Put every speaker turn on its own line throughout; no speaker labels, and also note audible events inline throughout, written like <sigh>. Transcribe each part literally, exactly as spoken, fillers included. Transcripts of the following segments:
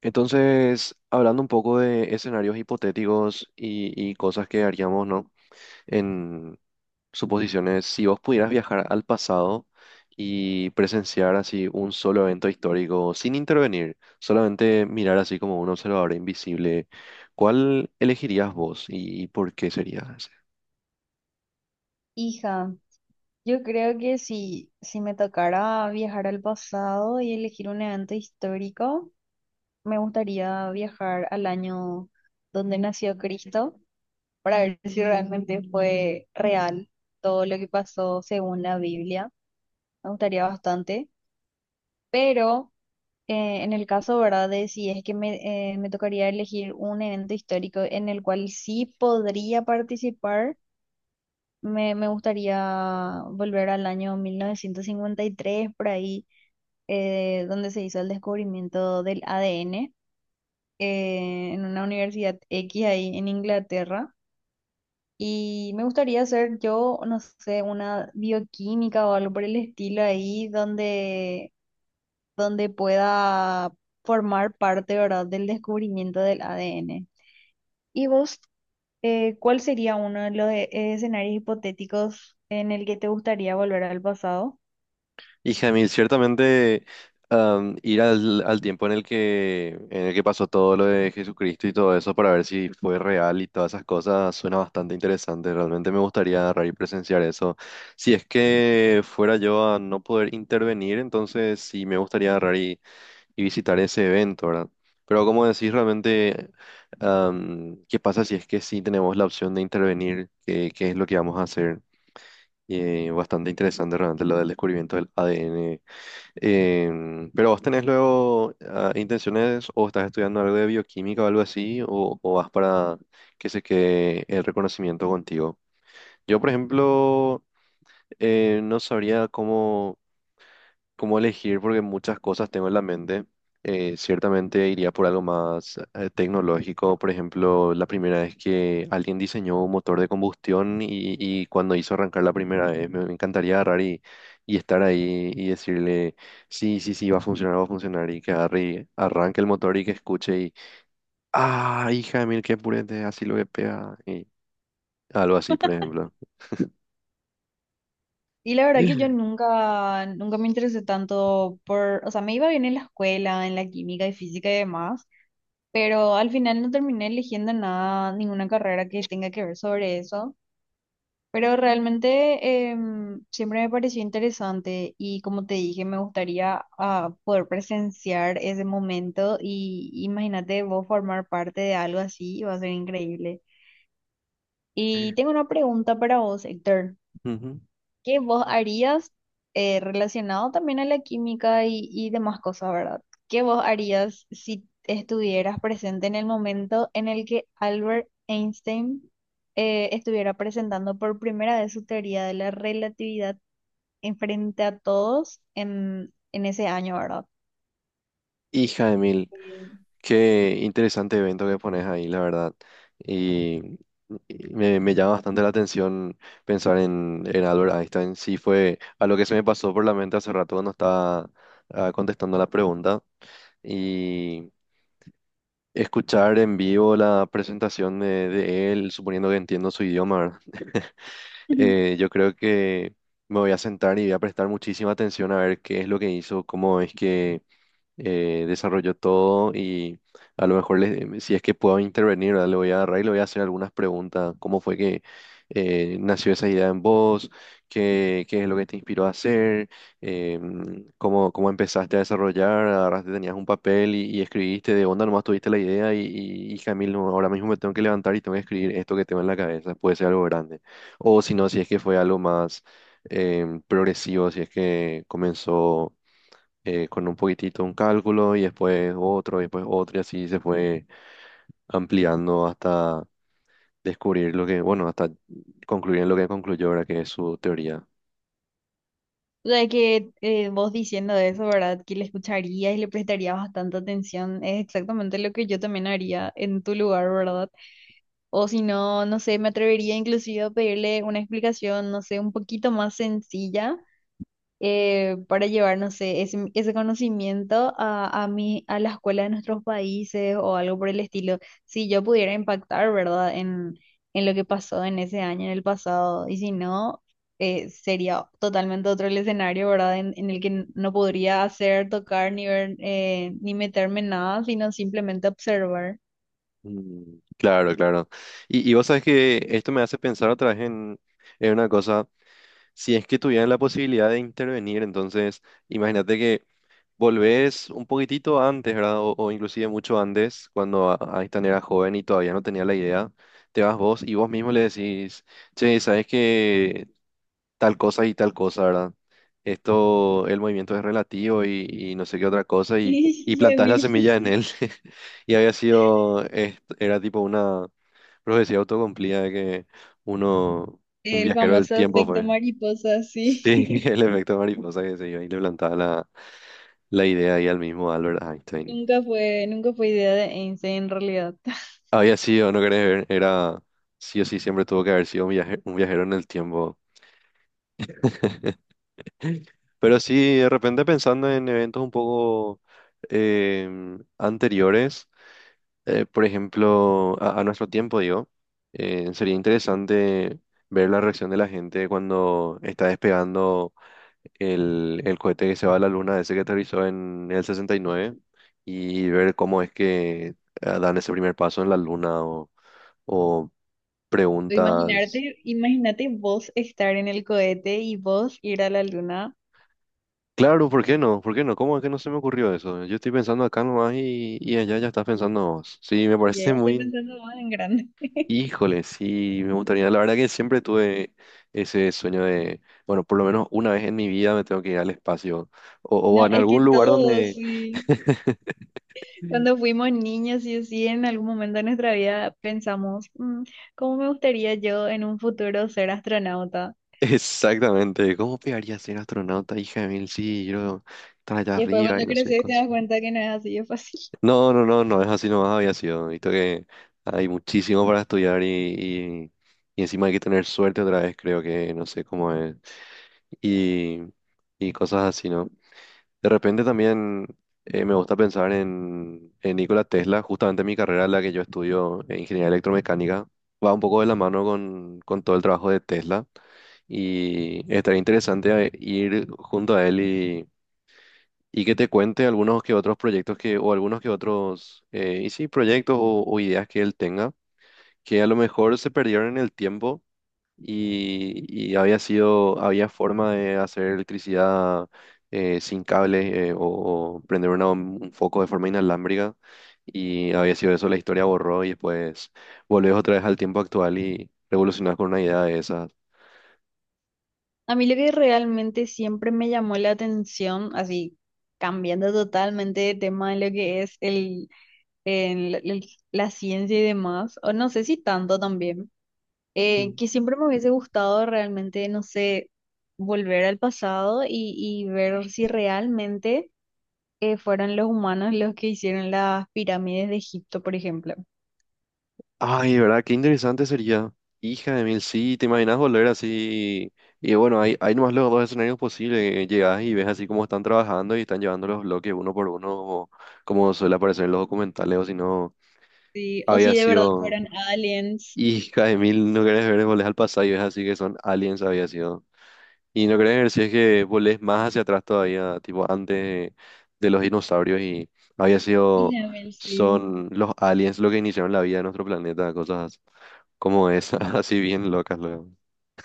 Entonces, hablando un poco de escenarios hipotéticos y, y cosas que haríamos, ¿no? En suposiciones, si vos pudieras viajar al pasado y presenciar así un solo evento histórico sin intervenir, solamente mirar así como un observador invisible, ¿cuál elegirías vos y, y por qué sería?
Hija, yo creo que si, si me tocara viajar al pasado y elegir un evento histórico, me gustaría viajar al año donde nació Cristo para ver si realmente fue real todo lo que pasó según la Biblia. Me gustaría bastante, pero eh, en el caso, ¿verdad? De si es que me, eh, me tocaría elegir un evento histórico en el cual sí podría participar. Me, me gustaría volver al año mil novecientos cincuenta y tres, por ahí, eh, donde se hizo el descubrimiento del A D N, eh, en una universidad X ahí en Inglaterra. Y me gustaría hacer yo, no sé, una bioquímica o algo por el estilo ahí, donde, donde pueda formar parte, ¿verdad?, del descubrimiento del A D N. ¿Y vos, eh, cuál sería uno de los eh, escenarios hipotéticos en el que te gustaría volver al pasado?
Y Jamil, ciertamente am, ir al, al tiempo en el que, en el que pasó todo lo de Jesucristo y todo eso para ver si fue real y todas esas cosas suena bastante interesante. Realmente me gustaría agarrar y presenciar eso. Si es que fuera yo a no poder intervenir, entonces sí me gustaría agarrar y, y visitar ese evento, ¿verdad? Pero como decís, realmente, am, ¿qué pasa si es que sí tenemos la opción de intervenir? ¿Qué, qué es lo que vamos a hacer? Y, eh, bastante interesante realmente lo del descubrimiento del A D N. Em, pero vos tenés luego ah, intenciones o estás estudiando algo de bioquímica o algo así, o, o vas para que se quede el reconocimiento contigo. Yo, por ejemplo, eh, no sabría cómo cómo elegir porque muchas cosas tengo en la mente. Eh, ciertamente iría por algo más eh, tecnológico. Por ejemplo, la primera vez que alguien diseñó un motor de combustión y, y cuando hizo arrancar la primera vez, me, me encantaría agarrar y, y estar ahí y decirle, sí, sí, sí, va a funcionar, va a funcionar y que agarre y arranque el motor y que escuche y, ah, hija de mil, qué purete, así lo que pega. Y algo así, por ejemplo.
Y la verdad que yo
<laughs>
nunca, nunca me interesé tanto por, o sea, me iba bien en la escuela, en la química y física y demás, pero al final no terminé eligiendo nada, ninguna carrera que tenga que ver sobre eso. Pero realmente em, siempre me pareció interesante y como te dije, me gustaría ah, poder presenciar ese momento y imagínate vos formar parte de algo así, va a ser increíble. Y tengo una pregunta para vos, Héctor.
Ujú.
¿Qué vos harías eh, relacionado también a la química y, y demás cosas, ¿verdad? ¿Qué vos harías si estuvieras presente en el momento en el que Albert Einstein eh, estuviera presentando por primera vez su teoría de la relatividad en frente a todos en, en ese año, ¿verdad?
Hija de mil.
Eh,
Qué interesante evento que pones ahí, la verdad. Y, y me, me llama bastante la atención pensar en, en Albert Einstein. Sí, fue a lo que se me pasó por la mente hace rato cuando estaba ah, contestando la pregunta. Y escuchar en vivo la presentación de, de él, suponiendo que entiendo su idioma, ¿verdad?
Ujú. <laughs>
Eh, yo creo que me voy a sentar y voy a prestar muchísima atención a ver qué es lo que hizo, cómo es que eh, desarrolló todo y a lo mejor le- si es que puedo intervenir, ¿verdad? Le voy a agarrar y le voy a hacer algunas preguntas. ¿Cómo fue que eh, nació esa idea en vos? ¿Qué, qué es lo que te inspiró a hacer? Eh, ¿cómo, cómo empezaste a desarrollar? Agarraste, tenías un papel y, y escribiste de onda, nomás tuviste la idea y, y, hija mil, no, ahora mismo me tengo que levantar y tengo que escribir esto que tengo en la cabeza. Puede ser algo grande. O si no, si es que fue algo más em, progresivo, si es que comenzó eh, con un poquitito un cálculo y después otro, y después otro, y así se fue ampliando hasta descubrir lo que, bueno, hasta concluir en lo que concluyó ahora, que es su teoría.
O sea que eh, vos diciendo eso, ¿verdad? Que le escucharías y le prestarías bastante atención, es exactamente lo que yo también haría en tu lugar, ¿verdad? O si no, no sé, me atrevería inclusive a pedirle una explicación, no sé, un poquito más sencilla eh, para llevar, no sé, ese, ese conocimiento a, a, mi, a la escuela de nuestros países o algo por el estilo. Si yo pudiera impactar, ¿verdad? En, en lo que pasó en ese año, en el pasado. Y si no, eh, sería totalmente otro el escenario, ¿verdad? En, en el que n- no podría hacer, tocar, ni ver, eh, ni meterme en nada, sino simplemente observar.
Mm, claro, claro. Y, y vos sabes que esto me hace pensar otra vez en, en una cosa. Si es que tuvieran la posibilidad de intervenir, entonces imagínate que volvés un poquitito antes, ¿verdad? O, o inclusive mucho antes, cuando A- Einstein era joven y todavía no tenía la idea. Te vas vos y vos mismo le decís, che, ¿sabes que tal cosa y tal cosa, ¿verdad? Esto, el movimiento es relativo y, y no sé qué otra cosa y, y
<laughs> Y
plantás la
Emilio,
semilla en
sí.
él. <laughs> Y había sido, es- era tipo una profecía autocumplida de que uno, un
El
viajero del
famoso
tiempo
efecto
fue.
mariposa, sí.
Sí, <laughs>
<laughs>
el efecto mariposa que se iba y le plantaba la, la idea y al mismo Albert Einstein.
Nunca fue, nunca fue idea de Einstein en realidad. <laughs>
Había sido, no querés ver, era sí o sí siempre tuvo que haber sido un viaje- un viajero en el tiempo. Pero sí, de repente pensando en eventos un poco em, anteriores, eh, por ejemplo, a, a nuestro tiempo, digo, eh, sería interesante ver la reacción de la gente cuando está despegando el, el cohete que se va a la luna, ese que aterrizó en el sesenta y nueve, y nueve, y ver cómo es que eh, dan ese primer paso en la luna o o
Tú
preguntas.
Imaginarte, imagínate vos estar en el cohete y vos ir a la luna.
Claro, ¿por qué no? ¿Por qué no? ¿Cómo es que no se me ocurrió eso? Yo estoy pensando acá nomás y, y allá ya estás pensando vos. Sí, me
Ya
parece
ya estoy
muy...
pensando más en grande. <laughs>
Híjole, sí, me gustaría. La verdad que siempre tuve ese sueño de, bueno, por lo menos una vez en mi vida me tengo que ir al espacio o, o
No,
en
es que
algún lugar
todos,
donde...
sí. Cuando
<laughs>
fuimos niños, y sí, en algún momento de nuestra vida pensamos, "Mm, ¿cómo me gustaría yo en un futuro ser astronauta?"
Exactamente, ¿cómo pegaría ser astronauta, hija de mil? Sí, yo estar allá
Y después
arriba y
cuando
no sé
creces
qué.
te das cuenta que no es así de fácil.
No, no, no, no es así nomás había sido. Visto que hay muchísimo para estudiar y, y, y encima hay que tener suerte otra vez, creo que no sé cómo es. Y, y cosas así, ¿no? De repente también eh, me gusta pensar en, en Nikola Tesla, justamente mi carrera, la que yo estudio en ingeniería electromecánica, va un poco de la mano con, con todo el trabajo de Tesla. Y estaría interesante eh, ir junto a él y que te cuente algunos que otros proyectos que, o algunos que otros, eh, y sí, proyectos o, o ideas que él tenga, que a lo mejor se perdieron en el tiempo y, y había sido, había forma de hacer electricidad eh, sin cable eh, o, o prender una- un foco de forma inalámbrica. Y había sido eso, la historia borró y después volvés otra vez al tiempo actual y revolucionás con una idea de esas.
A mí lo que realmente siempre me llamó la atención, así cambiando totalmente de tema de lo que es el, el- el- la ciencia y demás, o no sé si tanto también, eh, que siempre me hubiese gustado realmente, no sé, volver al pasado y, y ver si realmente eh, fueron los humanos los que hicieron las pirámides de Egipto, por ejemplo.
Ay, ¿verdad? Qué interesante sería. Hija de mil, sí, te imaginas volver así. Y bueno, hay, hay nomás los dos escenarios posibles. Llegas y ves así cómo están trabajando y están llevando los bloques uno por uno, como suele aparecer en los documentales, o si no,
Sí, o
había
si de verdad
sido.
fueron aliens.
Hija de mil, no querés ver, volvés al pasado y ves así que son aliens, había sido. Y lo que quería decir es que volés más hacia atrás todavía, tipo antes de, los dinosaurios y había sido,
Isabel, sí.
son los aliens lo que iniciaron la vida de nuestro planeta, cosas como esas, <laughs> así bien locas luego. <laughs>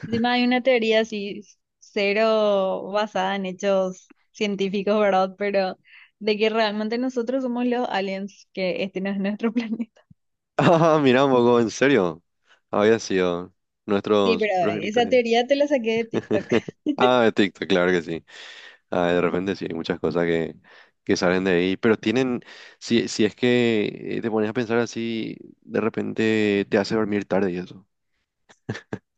Encima hay una teoría así, cero basada en hechos científicos, ¿verdad? Pero de que realmente nosotros somos los aliens, que este no es nuestro <laughs> planeta.
Ah, mira un poco, en serio, había sido
Sí,
nuestros
pero esa
progenitores.
teoría te la saqué de TikTok.
<laughs> Ah, de TikTok, claro que sí. Ah, de repente sí, hay muchas cosas que, que salen de ahí, pero tienen, si, si es que eh, te pones a pensar así, de repente te hace dormir tarde y eso.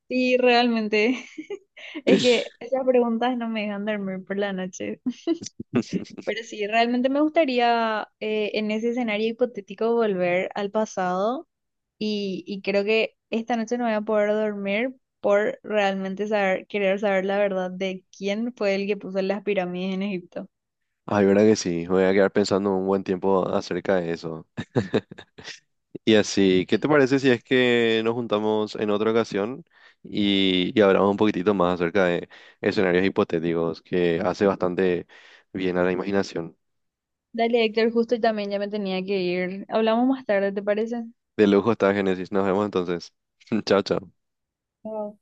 Sí, realmente. <laughs> Es que esas preguntas no me dejan dormir por la noche. Pero sí, realmente me gustaría eh, en ese escenario hipotético volver al pasado Y, y creo que esta noche no voy a poder dormir por realmente saber, querer saber la verdad de quién fue el que puso las pirámides en Egipto.
Ay, verdad que sí, voy a quedar pensando un buen tiempo acerca de eso. <laughs> Y así, ¿qué te parece si es que nos juntamos en otra ocasión y, y hablamos un poquitito más acerca de escenarios hipotéticos que hace bastante bien a la imaginación?
Dale, Héctor, justo y también ya me tenía que ir. Hablamos más tarde, ¿te parece?
De lujo está Génesis, nos vemos entonces. <laughs> Chao, chao.
Chao.